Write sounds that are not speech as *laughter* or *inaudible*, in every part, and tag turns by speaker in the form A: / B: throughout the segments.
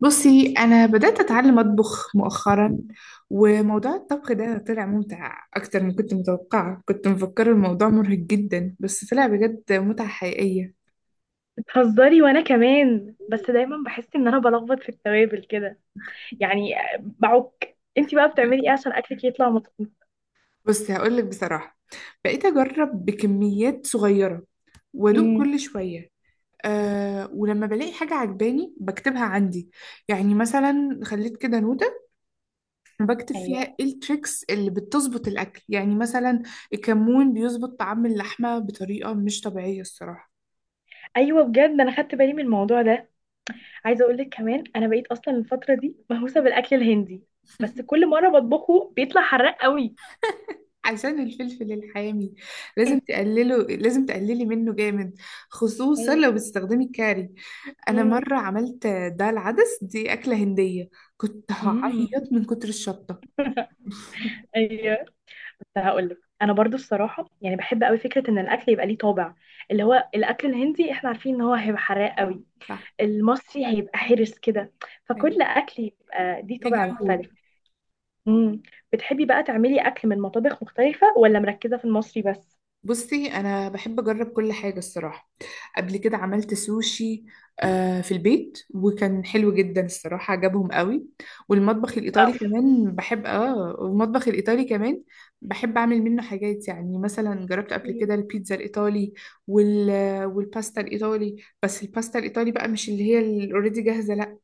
A: بصي أنا بدأت أتعلم أطبخ مؤخرا. وموضوع الطبخ ده طلع ممتع أكتر من كنت متوقعة، كنت مفكرة الموضوع مرهق جدا بس طلع بجد متعة حقيقية.
B: بتهزري، وانا كمان. بس دايما بحس ان انا بلخبط في التوابل كده، يعني. بعك انتي بقى بتعملي ايه عشان اكلك يطلع مظبوط؟
A: بصي هقولك بصراحة، بقيت أجرب بكميات صغيرة وأدوق
B: امم.
A: كل شوية. أه، ولما بلاقي حاجة عجباني بكتبها عندي، يعني مثلا خليت كده نوتة بكتب فيها
B: ايوه.
A: ايه التريكس اللي بتظبط الأكل، يعني مثلا الكمون بيظبط طعم اللحمة بطريقة مش طبيعية الصراحة.
B: ايوه بجد، انا خدت بالي من الموضوع ده. عايزه اقول لك كمان، انا بقيت اصلا الفتره دي مهووسه بالاكل الهندي، بس كل مره بطبخه بيطلع حراق قوي.
A: عشان الفلفل الحامي،
B: *laughs*
A: لازم تقللي منه جامد، خصوصا
B: ايوه.
A: لو بتستخدمي الكاري. انا
B: امم.
A: مره عملت دال العدس دي، اكله هنديه، كنت
B: امم.
A: هعيط من كتر الشطه.
B: *laughs*
A: *laughs*
B: ايوه. بس هقول لك انا برضو الصراحه، يعني بحب قوي فكره ان الاكل يبقى ليه طابع. اللي هو الاكل الهندي احنا عارفين ان هو هيبقى حراق قوي،
A: صح.
B: المصري هيبقى حرص كده.
A: أيوة.
B: فكل اكل يبقى دي
A: ليه
B: طابع
A: جو؟
B: مختلف. مم. بتحبي بقى تعملي اكل من مطابخ مختلفة ولا مركزة في المصري بس؟
A: بصي انا بحب اجرب كل حاجه الصراحه. قبل كده عملت سوشي، آه، في البيت، وكان حلو جدا الصراحه، عجبهم قوي.
B: واو.
A: والمطبخ الايطالي كمان بحب اعمل منه حاجات، يعني مثلا جربت قبل
B: مم.
A: كده البيتزا الايطالي وال والباستا الايطالي. بس الباستا الايطالي بقى مش اللي هي الاوريدي جاهزه، لا،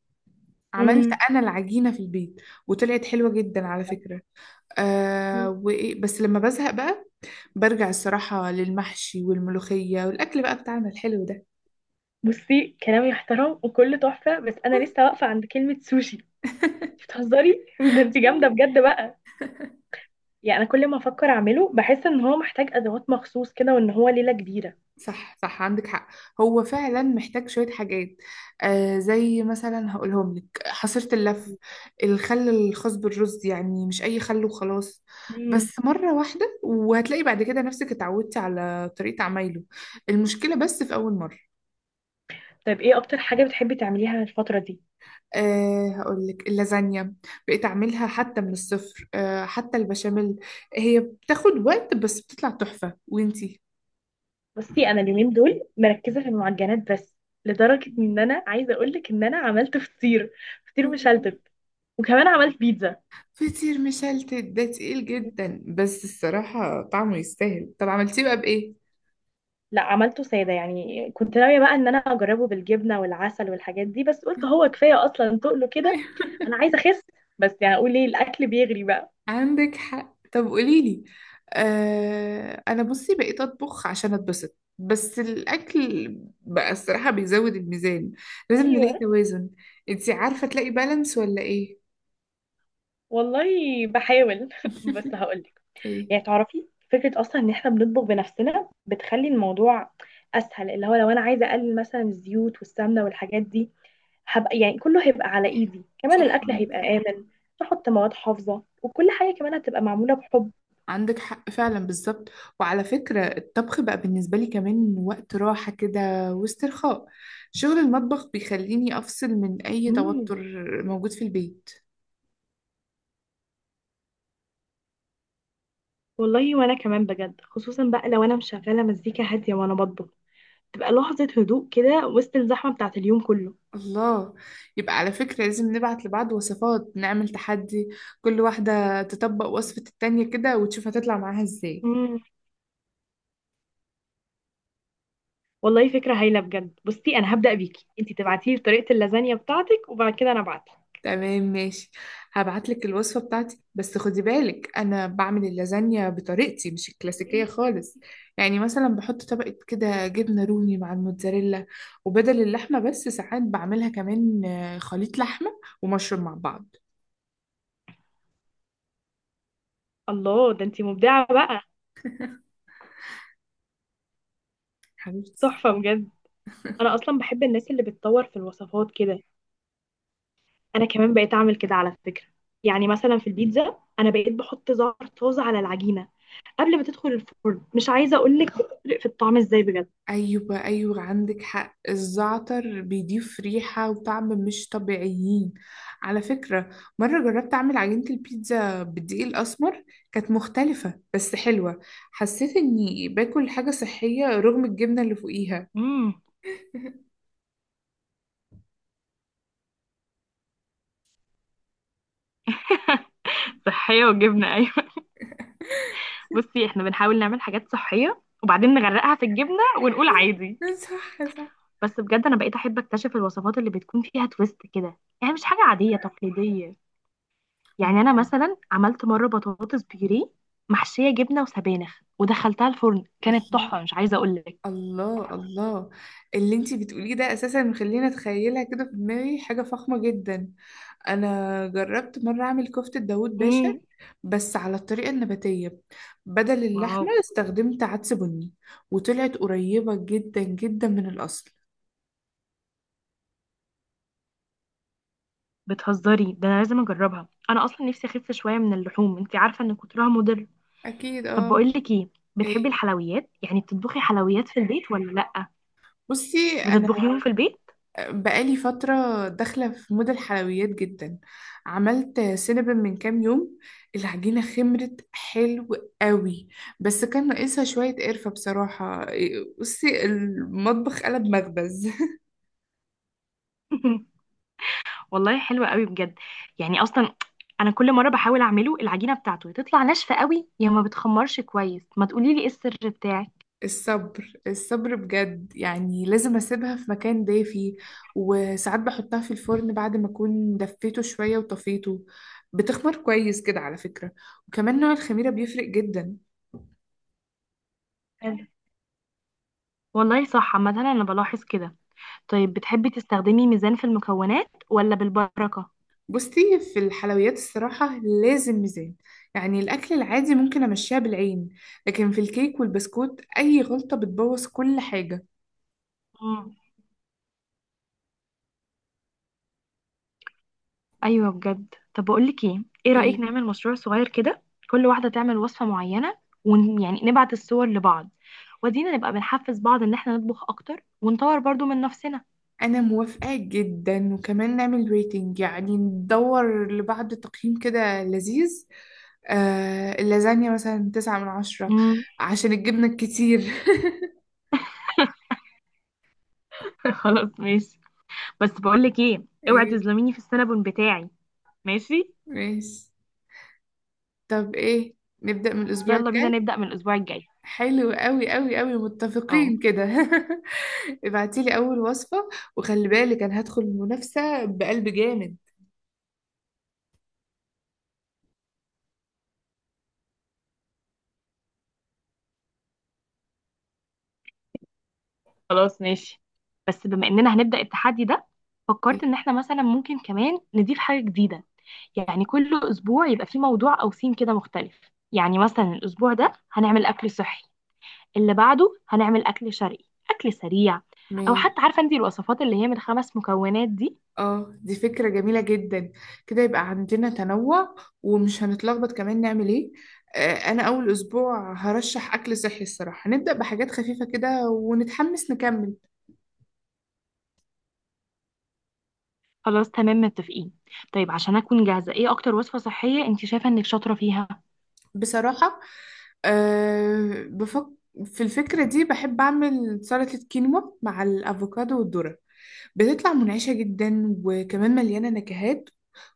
A: عملت
B: مم.
A: انا العجينه في البيت وطلعت حلوه جدا على فكره. آه،
B: مم.
A: وإيه بس لما بزهق بقى برجع الصراحة للمحشي والملوخية والأكل بقى بتاعنا الحلو ده.
B: بصي، كلام يحترم وكله تحفة، بس أنا لسه واقفة عند كلمة سوشي.
A: *laughs*
B: بتهزري *laughs* ده انت جامدة بجد بقى. يعني أنا كل ما أفكر أعمله بحس إن هو محتاج أدوات مخصوص كده وإن هو ليلة كبيرة.
A: صح صح، عندك حق، هو فعلا محتاج شوية حاجات، آه، زي مثلا هقولهم لك حصيرة اللف، الخل الخاص بالرز، يعني مش أي خل وخلاص،
B: مم.
A: بس مرة واحدة وهتلاقي بعد كده نفسك اتعودتي على طريقة عمايله، المشكلة بس في أول مرة.
B: طيب إيه أكتر حاجة بتحبي تعمليها الفترة دي؟
A: أه، هقول لك اللازانيا، بقيت اعملها حتى من الصفر، حتى البشاميل، هي بتاخد وقت بس بتطلع تحفة، وانتي. *laughs*
B: بصي، انا اليومين دول مركزه في المعجنات بس. لدرجه ان انا عايزه اقول لك ان انا عملت فطير. فطير مشلتت. وكمان عملت بيتزا.
A: فطير مشلتت ده تقيل جدا، بس الصراحة طعمه يستاهل، طب عملتيه بقى بإيه؟
B: لا، عملته ساده. يعني كنت ناويه بقى ان انا اجربه بالجبنه والعسل والحاجات دي، بس قلت هو
A: *laughs*
B: كفايه اصلا تقله كده.
A: أيوة.
B: انا عايزه اخس، بس يعني اقول ايه، الاكل بيغري بقى.
A: عندك حق، طب قوليلي. آه، أنا بصي بقيت أطبخ عشان أتبسط، بس الأكل بقى الصراحة بيزود الميزان، لازم نلاقي
B: ايوه.
A: توازن، انتي عارفة تلاقي بالانس ولا إيه؟
B: والله بحاول *laughs* بس
A: *laughs*
B: هقولك.
A: ايه.
B: يعني تعرفي فكره اصلا ان احنا بنطبخ بنفسنا بتخلي الموضوع اسهل. اللي هو لو انا عايزه اقلل مثلا الزيوت والسمنه والحاجات دي، هبقى يعني كله هيبقى على
A: صح
B: ايدي. كمان
A: صح،
B: الاكل
A: عندك حق،
B: هيبقى امن، تحط مواد حافظه، وكل حاجه كمان هتبقى معموله بحب.
A: عندك حق فعلا بالظبط. وعلى فكرة الطبخ بقى بالنسبة لي كمان وقت راحة كده، واسترخاء، شغل المطبخ بيخليني أفصل من أي
B: مم.
A: توتر موجود في البيت.
B: والله وانا كمان بجد، خصوصا بقى لو انا مشغله مزيكا هاديه وانا بطبخ، تبقى لحظه هدوء كده وسط الزحمه بتاعه اليوم كله.
A: الله، يبقى على فكرة لازم نبعت لبعض وصفات، نعمل تحدي، كل واحدة تطبق وصفة التانية كده وتشوف هتطلع معاها ازاي.
B: مم. والله فكره هايله بجد. بصي انا هبدا بيكي، انتي تبعتي لي طريقه اللازانيا بتاعتك وبعد كده انا ابعتها.
A: تمام ماشي، هبعتلك الوصفة بتاعتي، بس خدي بالك أنا بعمل اللازانيا بطريقتي مش الكلاسيكية
B: مم.
A: خالص، يعني مثلا بحط طبقة كده جبنة رومي مع الموتزاريلا، وبدل اللحمة بس ساعات بعملها كمان خليط لحمة ومشروم مع بعض.
B: الله، ده انتي مبدعه بقى. تحفه
A: حبيبتي.
B: بجد. انا اصلا بحب الناس اللي بتطور في الوصفات كده. انا كمان بقيت اعمل كده على فكره. يعني مثلا في البيتزا انا بقيت بحط زعتر طازه على العجينه قبل ما تدخل الفرن. مش عايزه اقول لك بتفرق في الطعم ازاي بجد.
A: أيوة أيوة، عندك حق، الزعتر بيضيف ريحة وطعم مش طبيعيين على فكرة. مرة جربت أعمل عجينة البيتزا بالدقيق الأسمر، كانت مختلفة بس حلوة، حسيت إني باكل حاجة صحية رغم الجبنة اللي فوقيها.
B: امم.
A: *laughs*
B: صحية وجبنة، ايوه. *laughs* بصي احنا بنحاول نعمل حاجات صحية وبعدين نغرقها في الجبنة ونقول عادي.
A: صح صح.
B: بس بجد انا بقيت احب اكتشف الوصفات اللي بتكون فيها تويست كده، يعني مش حاجة عادية تقليدية.
A: آه.
B: يعني انا مثلا عملت مرة بطاطس بيوريه محشية جبنة وسبانخ ودخلتها الفرن، كانت
A: الله
B: تحفة مش عايزة اقول لك.
A: الله الله، اللي انتي بتقوليه ده اساسا مخليني اتخيلها كده في دماغي حاجة فخمة جدا. انا جربت مرة اعمل كفتة داوود باشا،
B: امم.
A: بس على الطريقة النباتية، بدل اللحمة استخدمت عدس بني، وطلعت قريبة جدا جدا من الاصل.
B: بتهزري، ده انا لازم اجربها. انا اصلا نفسي اخف شويه من اللحوم، انت عارفه ان كترها مضر.
A: اكيد
B: طب
A: اه.
B: بقول لك ايه، بتحبي
A: ايه.
B: الحلويات؟ يعني بتطبخي حلويات في البيت ولا لا؟
A: بصي،
B: بتطبخيهم في البيت؟
A: بقالي فترة داخلة في مود الحلويات جدا، عملت سينابن من كام يوم، العجينة خمرت حلو قوي، بس كان ناقصها شوية قرفة بصراحة، بصي المطبخ قلب مخبز.
B: *laughs* والله حلوه قوي بجد. يعني اصلا انا كل مره بحاول اعمله العجينه بتاعته تطلع ناشفه قوي، يا ما بتخمرش كويس. ما تقولي لي ايه السر بتاعك؟
A: *laughs* الصبر الصبر بجد، يعني لازم أسيبها في مكان دافي، وساعات بحطها في الفرن بعد ما أكون دفيته شوية وطفيته، بتخمر كويس كده على فكرة، وكمان نوع الخميرة بيفرق جدا.
B: حلو. والله صح، عامه انا بلاحظ كده. طيب بتحبي تستخدمي ميزان في المكونات ولا بالبركه؟
A: بصي في الحلويات الصراحة لازم ميزان، يعني الأكل العادي ممكن أمشيها بالعين، لكن في الكيك والبسكوت أي غلطة بتبوظ كل حاجة.
B: ايوه بجد. طب بقول لك ايه، ايه رأيك
A: ال-
B: نعمل مشروع صغير كده؟ كل واحدة تعمل وصفة معينة، ويعني نبعت الصور لبعض، ودينا نبقى بنحفز بعض ان احنا نطبخ اكتر ونطور برضو من نفسنا.
A: أنا موافقة جدا، وكمان نعمل ريتنج، يعني ندور لبعض تقييم كده لذيذ، آه اللازانيا مثلا 9/10،
B: مم.
A: عشان الجبنة الكتير. *laughs*
B: *laughs* خلاص ماشي. بس بقول لك ايه، اوعي
A: ايه،
B: تظلميني في السنابون بتاعي. ماشي.
A: ماشي، طب ايه، نبدأ من الأسبوع
B: يلا بينا
A: الجاي.
B: نبدأ من الاسبوع الجاي.
A: حلو أوي أوي أوي،
B: اه.
A: متفقين كده. *laughs* ابعتي لي اول وصفة، وخلي بالك انا هدخل المنافسة بقلب جامد.
B: خلاص ماشي. بس بما اننا هنبدأ التحدي ده، فكرت ان احنا مثلا ممكن كمان نضيف حاجة جديدة. يعني كل اسبوع يبقى في موضوع او ثيم كده مختلف. يعني مثلا الاسبوع ده هنعمل اكل صحي، اللي بعده هنعمل اكل شرقي، اكل سريع. او حتى
A: ماشي.
B: عارفه انت الوصفات اللي هي من خمس مكونات دي.
A: اه، دي فكرة جميلة جدا، كده يبقى عندنا تنوع، ومش هنتلخبط كمان نعمل ايه. آه، انا اول اسبوع هرشح اكل صحي الصراحة، هنبدأ بحاجات خفيفة كده ونتحمس نكمل.
B: خلاص تمام متفقين. طيب عشان اكون جاهزه، ايه اكتر وصفه صحيه انت شايفه انك شاطره فيها؟
A: بصراحة، أه بفك في الفكرة دي بحب أعمل سلطة كينوا مع الأفوكادو والذرة، بتطلع منعشة جدا وكمان مليانة نكهات،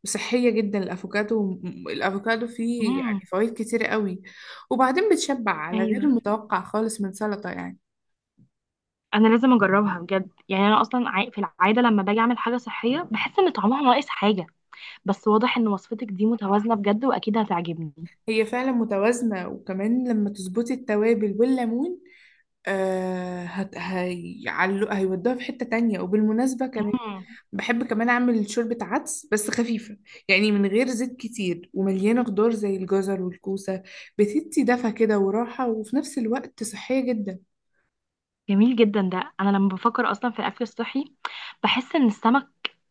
A: وصحية جدا الأفوكادو. الأفوكادو فيه يعني
B: امم.
A: فوائد كتيرة قوي، وبعدين بتشبع على غير
B: ايوه
A: المتوقع خالص من سلطة يعني.
B: انا لازم اجربها بجد. يعني انا اصلا في العاده لما باجي اعمل حاجه صحيه بحس ان طعمها ناقص حاجه. بس واضح ان وصفتك دي متوازنه بجد واكيد هتعجبني.
A: هي فعلا متوازنة، وكمان لما تظبطي التوابل والليمون آه هت... هي... هيودوها في حتة تانية. وبالمناسبة كمان بحب كمان أعمل شوربة عدس بس خفيفة، يعني من غير زيت كتير ومليانة خضار زي الجزر والكوسة، بتدي دفى كده وراحة وفي نفس الوقت صحية جدا.
B: جميل جدا. ده انا لما بفكر اصلا في الاكل الصحي بحس ان السمك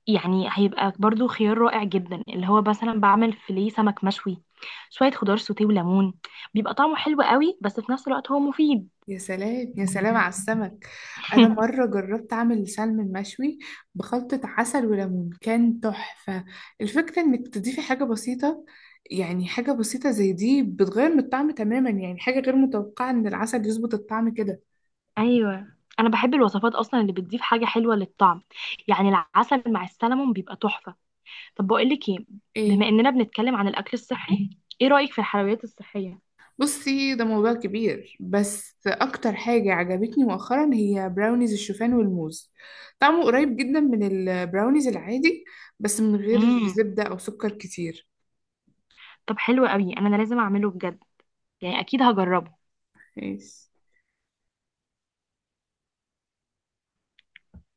B: يعني هيبقى برضو خيار رائع جدا. اللي هو مثلا بعمل فيليه سمك مشوي، شوية خضار سوتيه وليمون، بيبقى طعمه حلو قوي بس في نفس الوقت هو مفيد.
A: يا سلام يا سلام على السمك. أنا مرة
B: *laughs*
A: جربت أعمل سلمون مشوي بخلطة عسل وليمون، كان تحفة، الفكرة إنك تضيفي حاجة بسيطة، يعني حاجة بسيطة زي دي بتغير من الطعم تماما، يعني حاجة غير متوقعة إن العسل يظبط الطعم كده.
B: ايوه. انا بحب الوصفات اصلا اللي بتضيف حاجه حلوه للطعم. يعني العسل مع السلمون بيبقى تحفه. طب بقول لك ايه، بما
A: إيه.
B: اننا بنتكلم عن الاكل الصحي، ايه رايك في الحلويات الصحيه؟
A: بصي، ده موضوع كبير، بس اكتر حاجة عجبتني مؤخرا هي براونيز الشوفان والموز، طعمه قريب جدا من البراونيز العادي، بس من غير
B: امم.
A: زبدة او سكر كتير.
B: طب حلو قوي. أنا لازم اعمله بجد. يعني اكيد هجربه.
A: إيه.